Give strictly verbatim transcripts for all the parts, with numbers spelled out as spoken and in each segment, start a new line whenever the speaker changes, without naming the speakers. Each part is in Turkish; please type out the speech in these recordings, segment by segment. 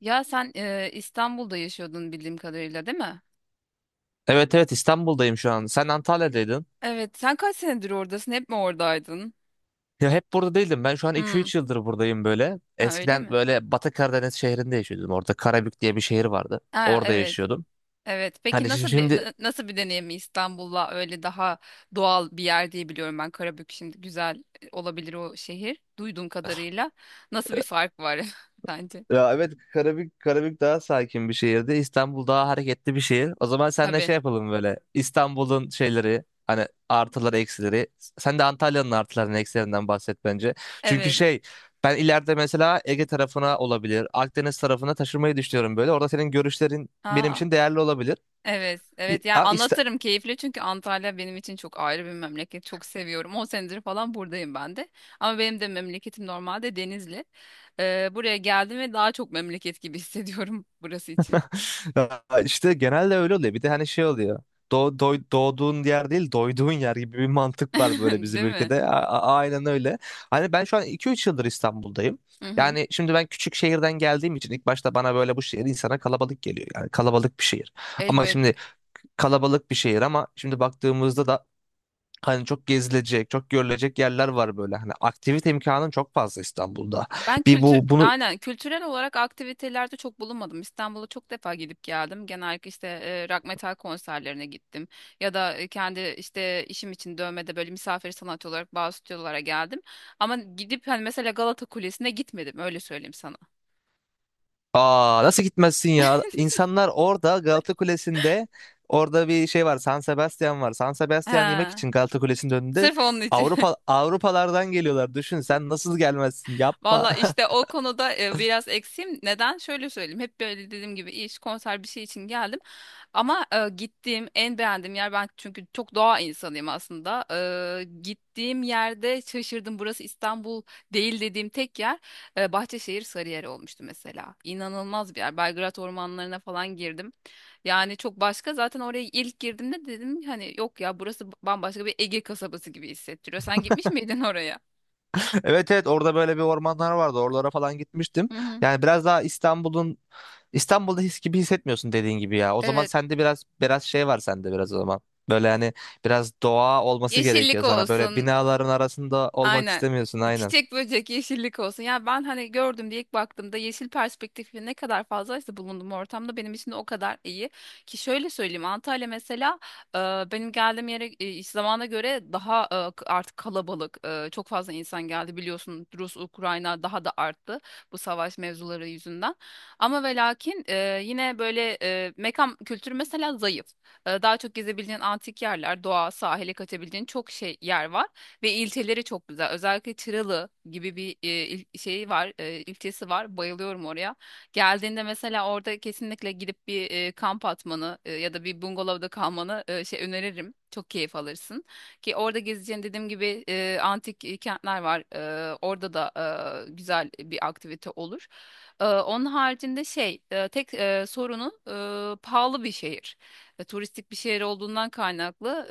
Ya sen e, İstanbul'da yaşıyordun bildiğim kadarıyla değil mi?
Evet evet İstanbul'dayım şu an. Sen Antalya'daydın.
Evet. Sen kaç senedir oradasın? Hep mi oradaydın?
Ya hep burada değildim. Ben şu an iki
Hmm.
üç yıldır buradayım böyle.
Ha öyle
Eskiden
mi?
böyle Batı Karadeniz şehrinde yaşıyordum. Orada Karabük diye bir şehir vardı.
Ha
Orada
evet.
yaşıyordum.
Evet.
Hani
Peki
şi-
nasıl bir
şimdi
na- nasıl bir deneyim İstanbul'la öyle daha doğal bir yer diye biliyorum ben. Karabük şimdi güzel e, olabilir o şehir. Duyduğum kadarıyla nasıl bir fark var sence?
ya evet Karabük, Karabük daha sakin bir şehirdi. İstanbul daha hareketli bir şehir. O zaman seninle
Tabii.
şey yapalım böyle. İstanbul'un şeyleri hani artıları eksileri. Sen de Antalya'nın artılarının eksilerinden bahset bence. Çünkü
Evet.
şey, ben ileride mesela Ege tarafına olabilir. Akdeniz tarafına taşınmayı düşünüyorum böyle. Orada senin görüşlerin benim
Aa.
için değerli olabilir.
Evet,
İ-
evet. Yani
A- İst-
anlatırım keyifli çünkü Antalya benim için çok ayrı bir memleket. Çok seviyorum. on senedir falan buradayım ben de. Ama benim de memleketim normalde Denizli. Ee, buraya geldim ve daha çok memleket gibi hissediyorum burası için.
Ya İşte genelde öyle oluyor. Bir de hani şey oluyor. Doğ, doy- doğduğun yer değil, doyduğun yer gibi bir mantık var böyle bizim
Değil mi?
ülkede. A- a- aynen öyle. Hani ben şu an iki üç yıldır İstanbul'dayım.
Hı hı.
Yani şimdi ben küçük şehirden geldiğim için ilk başta bana böyle bu şehir insana kalabalık geliyor. Yani kalabalık bir şehir. Ama
Elbette.
şimdi kalabalık bir şehir ama şimdi baktığımızda da hani çok gezilecek, çok görülecek yerler var böyle. Hani aktivite imkanın çok fazla İstanbul'da.
Ben
Bir
kültür
bu bunu
aynen kültürel olarak aktivitelerde çok bulunmadım. İstanbul'a çok defa gidip geldim. Genellikle işte e, rock metal konserlerine gittim ya da e, kendi işte işim için dövmede böyle misafir sanatçı olarak bazı stüdyolara geldim. Ama gidip hani mesela Galata Kulesi'ne gitmedim, öyle söyleyeyim sana.
aa, nasıl gitmezsin ya? İnsanlar orada Galata Kulesi'nde, orada bir şey var. San Sebastian var. San Sebastian yemek
He,
için Galata Kulesi'nin önünde
sırf onun için.
Avrupa Avrupalardan geliyorlar. Düşün sen, nasıl gelmezsin? Yapma.
Valla işte o konuda e, biraz eksiğim. Neden? Şöyle söyleyeyim. Hep böyle dediğim gibi iş, konser bir şey için geldim. Ama e, gittiğim en beğendiğim yer, ben çünkü çok doğa insanıyım aslında. E, gittiğim yerde şaşırdım. Burası İstanbul değil dediğim tek yer e, Bahçeşehir Sarıyer olmuştu mesela. İnanılmaz bir yer. Belgrad ormanlarına falan girdim. Yani çok başka. Zaten oraya ilk girdiğimde dedim hani yok ya, burası bambaşka bir Ege kasabası gibi hissettiriyor. Sen gitmiş miydin oraya?
Evet evet, orada böyle bir ormanlar vardı. Oralara falan gitmiştim.
Hı hı.
Yani biraz daha İstanbul'un İstanbul'da his gibi hissetmiyorsun dediğin gibi ya. O zaman
Evet.
sende biraz biraz şey var sende, biraz o zaman. Böyle hani biraz doğa olması
Yeşillik
gerekiyor sana. Böyle
olsun.
binaların arasında olmak
Aynen.
istemiyorsun aynen.
Çiçek böcek yeşillik olsun. Ya ben hani gördüm diye ilk baktığımda yeşil perspektifi ne kadar fazlaysa bulunduğum ortamda benim için de o kadar iyi. Ki şöyle söyleyeyim, Antalya mesela e, benim geldiğim yere e, iş zamana göre daha e, k- artık kalabalık. E, çok fazla insan geldi, biliyorsun, Rus, Ukrayna daha da arttı bu savaş mevzuları yüzünden. Ama ve lakin e, yine böyle e, mekan kültürü mesela zayıf. E, daha çok gezebileceğin antik yerler, doğa, sahile kaçabileceğin çok şey yer var. Ve ilçeleri çok güzel. Özellikle Çıralı gibi bir e, il- şeyi var, e, ilçesi var. Bayılıyorum oraya. Geldiğinde mesela orada kesinlikle gidip bir e, kamp atmanı e, ya da bir bungalovda kalmanı e, şey öneririm. Çok keyif alırsın. Ki orada gezeceğin, dediğim gibi, e, antik e, kentler var. E, orada da e, güzel bir aktivite olur. E, onun haricinde şey, e, tek e, sorunu, e, pahalı bir şehir. E, turistik bir şehir olduğundan kaynaklı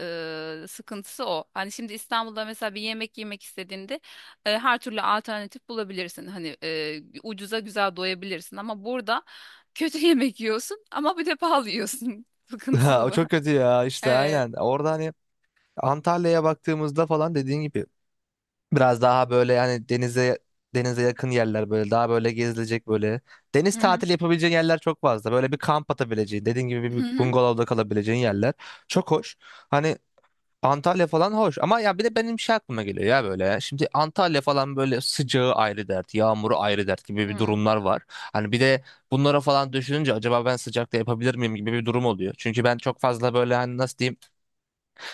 e, sıkıntısı o. Hani şimdi İstanbul'da mesela bir yemek yemek istediğinde e, her türlü alternatif bulabilirsin. Hani e, ucuza güzel doyabilirsin ama burada kötü yemek yiyorsun, ama bir de pahalı yiyorsun. Sıkıntısı
Ha, o
bu.
çok kötü ya işte
Evet.
aynen. Orada hani Antalya'ya baktığımızda falan dediğin gibi biraz daha böyle, yani denize denize yakın yerler böyle daha böyle gezilecek böyle. Deniz
Hı hı.
tatili yapabileceğin yerler çok fazla. Böyle bir kamp atabileceğin, dediğin gibi
Hı
bir
hı.
bungalovda kalabileceğin yerler. Çok hoş. Hani Antalya falan hoş ama ya, bir de benim şey aklıma geliyor ya böyle ya. Şimdi Antalya falan böyle, sıcağı ayrı dert, yağmuru ayrı dert gibi bir
Hı.
durumlar var. Hani bir de bunlara falan düşününce acaba ben sıcakta yapabilir miyim gibi bir durum oluyor. Çünkü ben çok fazla böyle hani, nasıl diyeyim,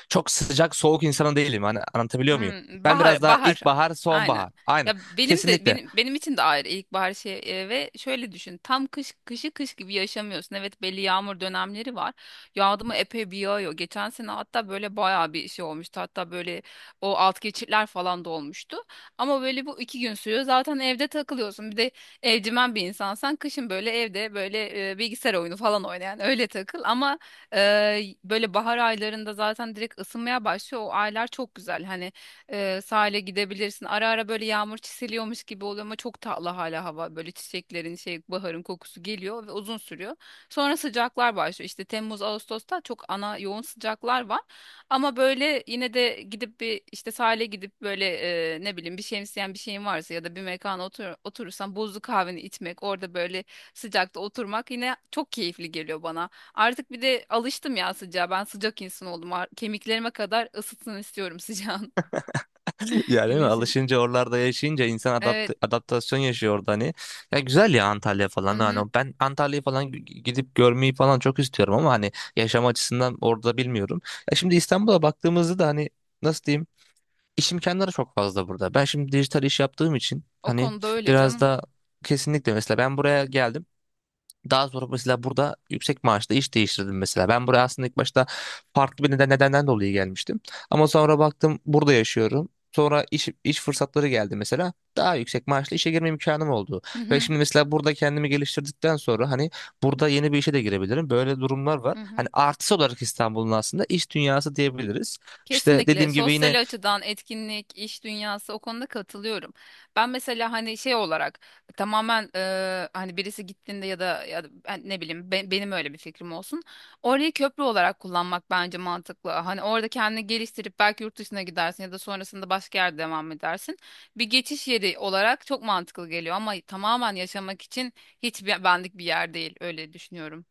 çok sıcak soğuk insanı değilim. Hani anlatabiliyor muyum?
Hmm,
Ben biraz
bahar
daha
bahar.
ilkbahar,
Aynen.
sonbahar. Aynen.
Ya benim de
Kesinlikle.
benim benim için de ayrı ilkbahar şey, e, ve şöyle düşün. Tam kış kışı kış gibi yaşamıyorsun. Evet, belli yağmur dönemleri var. Yağdı mı epey bir yağıyor. Geçen sene hatta böyle bayağı bir şey olmuştu. Hatta böyle o alt geçitler falan da olmuştu. Ama böyle bu iki gün sürüyor. Zaten evde takılıyorsun. Bir de evcimen bir insansan, kışın böyle evde böyle e, bilgisayar oyunu falan oynayan öyle takıl. Ama e, böyle bahar aylarında zaten direkt ısınmaya başlıyor. O aylar çok güzel. Hani e, sahile gidebilirsin. Ara ara böyle yağmur çiseliyormuş gibi oluyor ama çok tatlı hala hava. Böyle çiçeklerin şey baharın kokusu geliyor ve uzun sürüyor. Sonra sıcaklar başlıyor. İşte Temmuz, Ağustos'ta çok ana yoğun sıcaklar var. Ama böyle yine de gidip bir işte sahile gidip böyle e, ne bileyim, bir şemsiyen bir şeyin varsa ya da bir mekana otur, oturursan buzlu kahveni içmek, orada böyle sıcakta oturmak yine çok keyifli geliyor bana. Artık bir de alıştım ya sıcağa. Ben sıcak insan oldum. Ar- Kemiklerime kadar ısıtsın istiyorum sıcağın.
Yani değil mi?
Güneşin.
Alışınca, oralarda yaşayınca insan adapt
Evet.
adaptasyon yaşıyor orada hani. Ya güzel ya Antalya falan,
Hı-hı.
hani ben Antalya'yı falan g- gidip görmeyi falan çok istiyorum ama hani yaşam açısından orada bilmiyorum. Ya şimdi İstanbul'a baktığımızda da hani, nasıl diyeyim, iş imkanları çok fazla burada. Ben şimdi dijital iş yaptığım için
O
hani
konuda öyle
biraz
canım.
da kesinlikle, mesela ben buraya geldim. Daha sonra mesela burada yüksek maaşla iş değiştirdim mesela. Ben buraya aslında ilk başta farklı bir neden, nedenden dolayı gelmiştim. Ama sonra baktım burada yaşıyorum. Sonra iş, iş fırsatları geldi mesela. Daha yüksek maaşla işe girme imkanım oldu. Ve
Hı-hı.
şimdi mesela burada kendimi geliştirdikten sonra hani burada yeni bir işe de girebilirim. Böyle durumlar var.
Hı-hı.
Hani artısı olarak İstanbul'un aslında iş dünyası diyebiliriz. İşte
Kesinlikle
dediğim gibi yine,
sosyal açıdan etkinlik, iş dünyası, o konuda katılıyorum. Ben mesela hani şey olarak tamamen e, hani birisi gittiğinde ya da, ya da ben ne bileyim, be- benim öyle bir fikrim olsun. Orayı köprü olarak kullanmak bence mantıklı. Hani orada kendini geliştirip belki yurt dışına gidersin ya da sonrasında başka yerde devam edersin. Bir geçiş yeri olarak çok mantıklı geliyor ama tamamen yaşamak için hiç be- benlik bir yer değil, öyle düşünüyorum.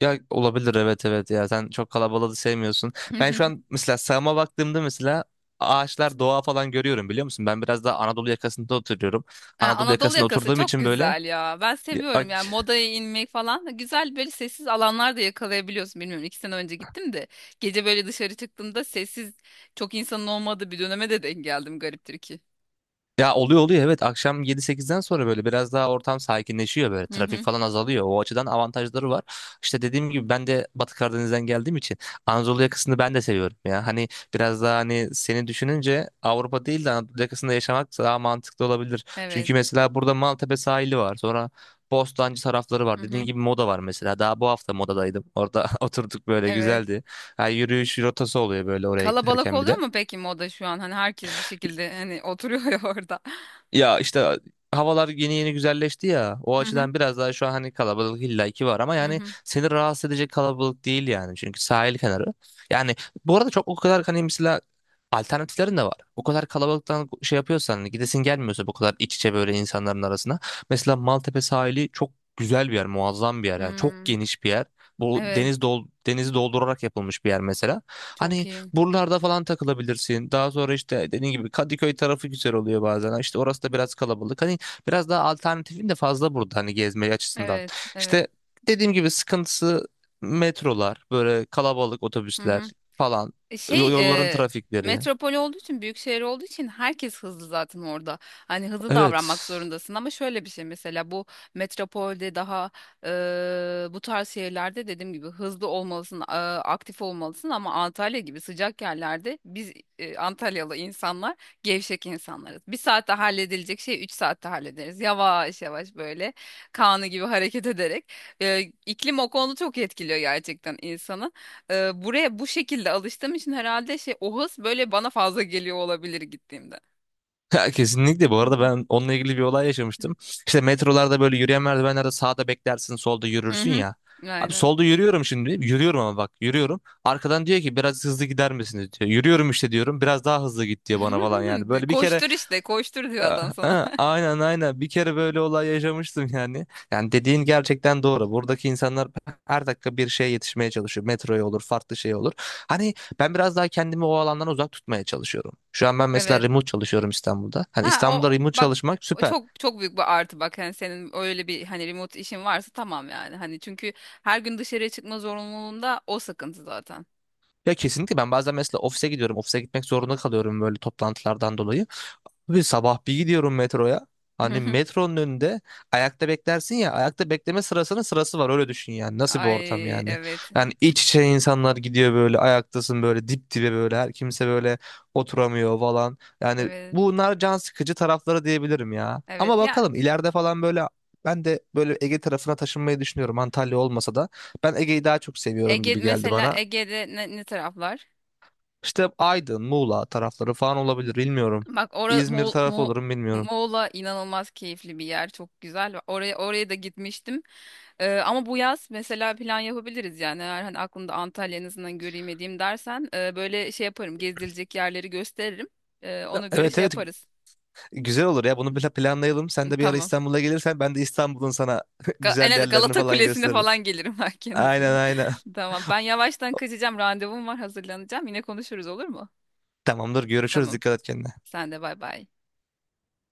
ya olabilir, evet evet, ya sen çok kalabalığı sevmiyorsun. Ben şu an mesela sağıma baktığımda mesela ağaçlar, doğa falan görüyorum biliyor musun? Ben biraz daha Anadolu yakasında oturuyorum.
Ha,
Anadolu
Anadolu
yakasında
yakası
oturduğum
çok
için böyle
güzel ya. Ben seviyorum yani modaya inmek falan. Güzel böyle sessiz alanlar da yakalayabiliyorsun. Bilmiyorum, iki sene önce gittim de gece böyle dışarı çıktığımda sessiz, çok insanın olmadığı bir döneme de denk geldim gariptir ki.
ya, oluyor oluyor, evet akşam yedi sekizden sonra böyle biraz daha ortam sakinleşiyor, böyle
Hı
trafik
hı.
falan azalıyor, o açıdan avantajları var. İşte dediğim gibi ben de Batı Karadeniz'den geldiğim için Anadolu yakasını ben de seviyorum ya hani, biraz daha hani seni düşününce Avrupa değil de Anadolu yakasında yaşamak daha mantıklı olabilir.
Evet.
Çünkü mesela burada Maltepe sahili var, sonra Bostancı tarafları
Hı
var,
hı.
dediğim gibi Moda var mesela, daha bu hafta Moda'daydım, orada oturduk böyle,
Evet.
güzeldi. Ha, yürüyüş rotası oluyor böyle oraya
Kalabalık
giderken bir
oluyor
de.
mu peki moda şu an? Hani herkes bir şekilde hani oturuyor ya orada.
Ya işte havalar yeni yeni güzelleşti ya. O
Hı hı.
açıdan biraz daha şu an hani kalabalık illaki var ama
Hı
yani
hı.
seni rahatsız edecek kalabalık değil yani. Çünkü sahil kenarı. Yani bu arada çok o kadar hani mesela alternatiflerin de var. O kadar kalabalıktan şey yapıyorsan hani, gidesin gelmiyorsa bu kadar iç içe böyle insanların arasına. Mesela Maltepe sahili çok güzel bir yer, muazzam bir yer yani. Çok
Hmm.
geniş bir yer. Bu
Evet.
deniz dol denizi doldurarak yapılmış bir yer mesela.
Çok
Hani
iyi.
buralarda falan takılabilirsin. Daha sonra işte dediğin gibi Kadıköy tarafı güzel oluyor bazen. İşte orası da biraz kalabalık. Hani biraz daha alternatifin de fazla burada hani gezme açısından.
Evet.
İşte
Evet.
dediğim gibi sıkıntısı metrolar, böyle kalabalık
Hı hı.
otobüsler falan, yo-
Şey
yolların
e,
trafikleri.
metropol olduğu için, büyük şehir olduğu için herkes hızlı zaten orada. Hani hızlı
Evet.
davranmak zorundasın, ama şöyle bir şey mesela, bu metropolde daha, e, bu tarz şehirlerde, dediğim gibi, hızlı olmalısın, e, aktif olmalısın, ama Antalya gibi sıcak yerlerde biz, e, Antalyalı insanlar gevşek insanlarız. Bir saatte halledilecek şey üç saatte hallederiz. Yavaş yavaş böyle kanı gibi hareket ederek. E, iklim o konuda çok etkiliyor gerçekten insanı, e, buraya bu şekilde alıştığım için herhalde şey, o hız böyle bana fazla geliyor olabilir gittiğimde.
Ha, kesinlikle, bu arada ben onunla ilgili bir olay yaşamıştım. İşte metrolarda böyle yürüyen merdivenlerde sağda beklersin, solda
Hı
yürürsün
hı.
ya. Abi
Aynen.
solda yürüyorum şimdi. Yürüyorum ama bak, yürüyorum. Arkadan diyor ki biraz hızlı gider misiniz diyor. Yürüyorum işte diyorum. Biraz daha hızlı git diyor bana falan yani.
De,
Böyle bir kere
Koştur işte, koştur diyor
ya,
adam sana.
ha, aynen aynen, bir kere böyle olay yaşamıştım yani. Yani dediğin gerçekten doğru. Buradaki insanlar her dakika bir şeye yetişmeye çalışıyor. Metroya olur, farklı şey olur. Hani ben biraz daha kendimi o alandan uzak tutmaya çalışıyorum. Şu an ben mesela
Evet.
remote çalışıyorum İstanbul'da. Hani
Ha
İstanbul'da
o
remote
bak,
çalışmak
o
süper.
çok çok büyük bir artı bak, hani senin öyle bir hani remote işin varsa tamam yani. Hani çünkü her gün dışarıya çıkma zorunluluğunda o sıkıntı zaten.
Ya kesinlikle, ben bazen mesela ofise gidiyorum. Ofise gitmek zorunda kalıyorum böyle toplantılardan dolayı. Bir sabah bir gidiyorum metroya. Hani metronun önünde ayakta beklersin ya, ayakta bekleme sırasının sırası var, öyle düşün yani, nasıl bir ortam
Ay
yani.
evet.
Yani iç içe insanlar gidiyor böyle, ayaktasın böyle dip dibe böyle, her kimse böyle oturamıyor falan. Yani
Evet.
bunlar can sıkıcı tarafları diyebilirim ya. Ama
Evet ya.
bakalım ileride falan böyle ben de böyle Ege tarafına taşınmayı düşünüyorum, Antalya olmasa da. Ben Ege'yi daha çok seviyorum
Ege
gibi geldi
mesela,
bana.
Ege'de ne, ne taraflar?
İşte Aydın, Muğla tarafları falan olabilir bilmiyorum.
Bak orada
İzmir
Moğol,
tarafı
Moğol-
olurum bilmiyorum.
Moğol'a, inanılmaz keyifli bir yer. Çok güzel. Oraya oraya da gitmiştim. Ee, ama bu yaz mesela plan yapabiliriz yani. Eğer hani aklımda Antalya, en azından göreyim edeyim dersen e, böyle şey yaparım. Gezilecek yerleri gösteririm. E, ona göre
Evet
şey
evet,
yaparız.
güzel olur ya, bunu bir planlayalım. Sen de bir ara
Tamam.
İstanbul'a gelirsen ben de İstanbul'un sana
Ga- en
güzel
az
yerlerini
Galata
falan
Kulesi'ne
gösteririm.
falan gelirim belki, en
Aynen
azından.
aynen.
Tamam. Ben yavaştan kaçacağım. Randevum var. Hazırlanacağım. Yine konuşuruz olur mu?
Tamamdır, görüşürüz,
Tamam.
dikkat et kendine.
Sen de bay bay.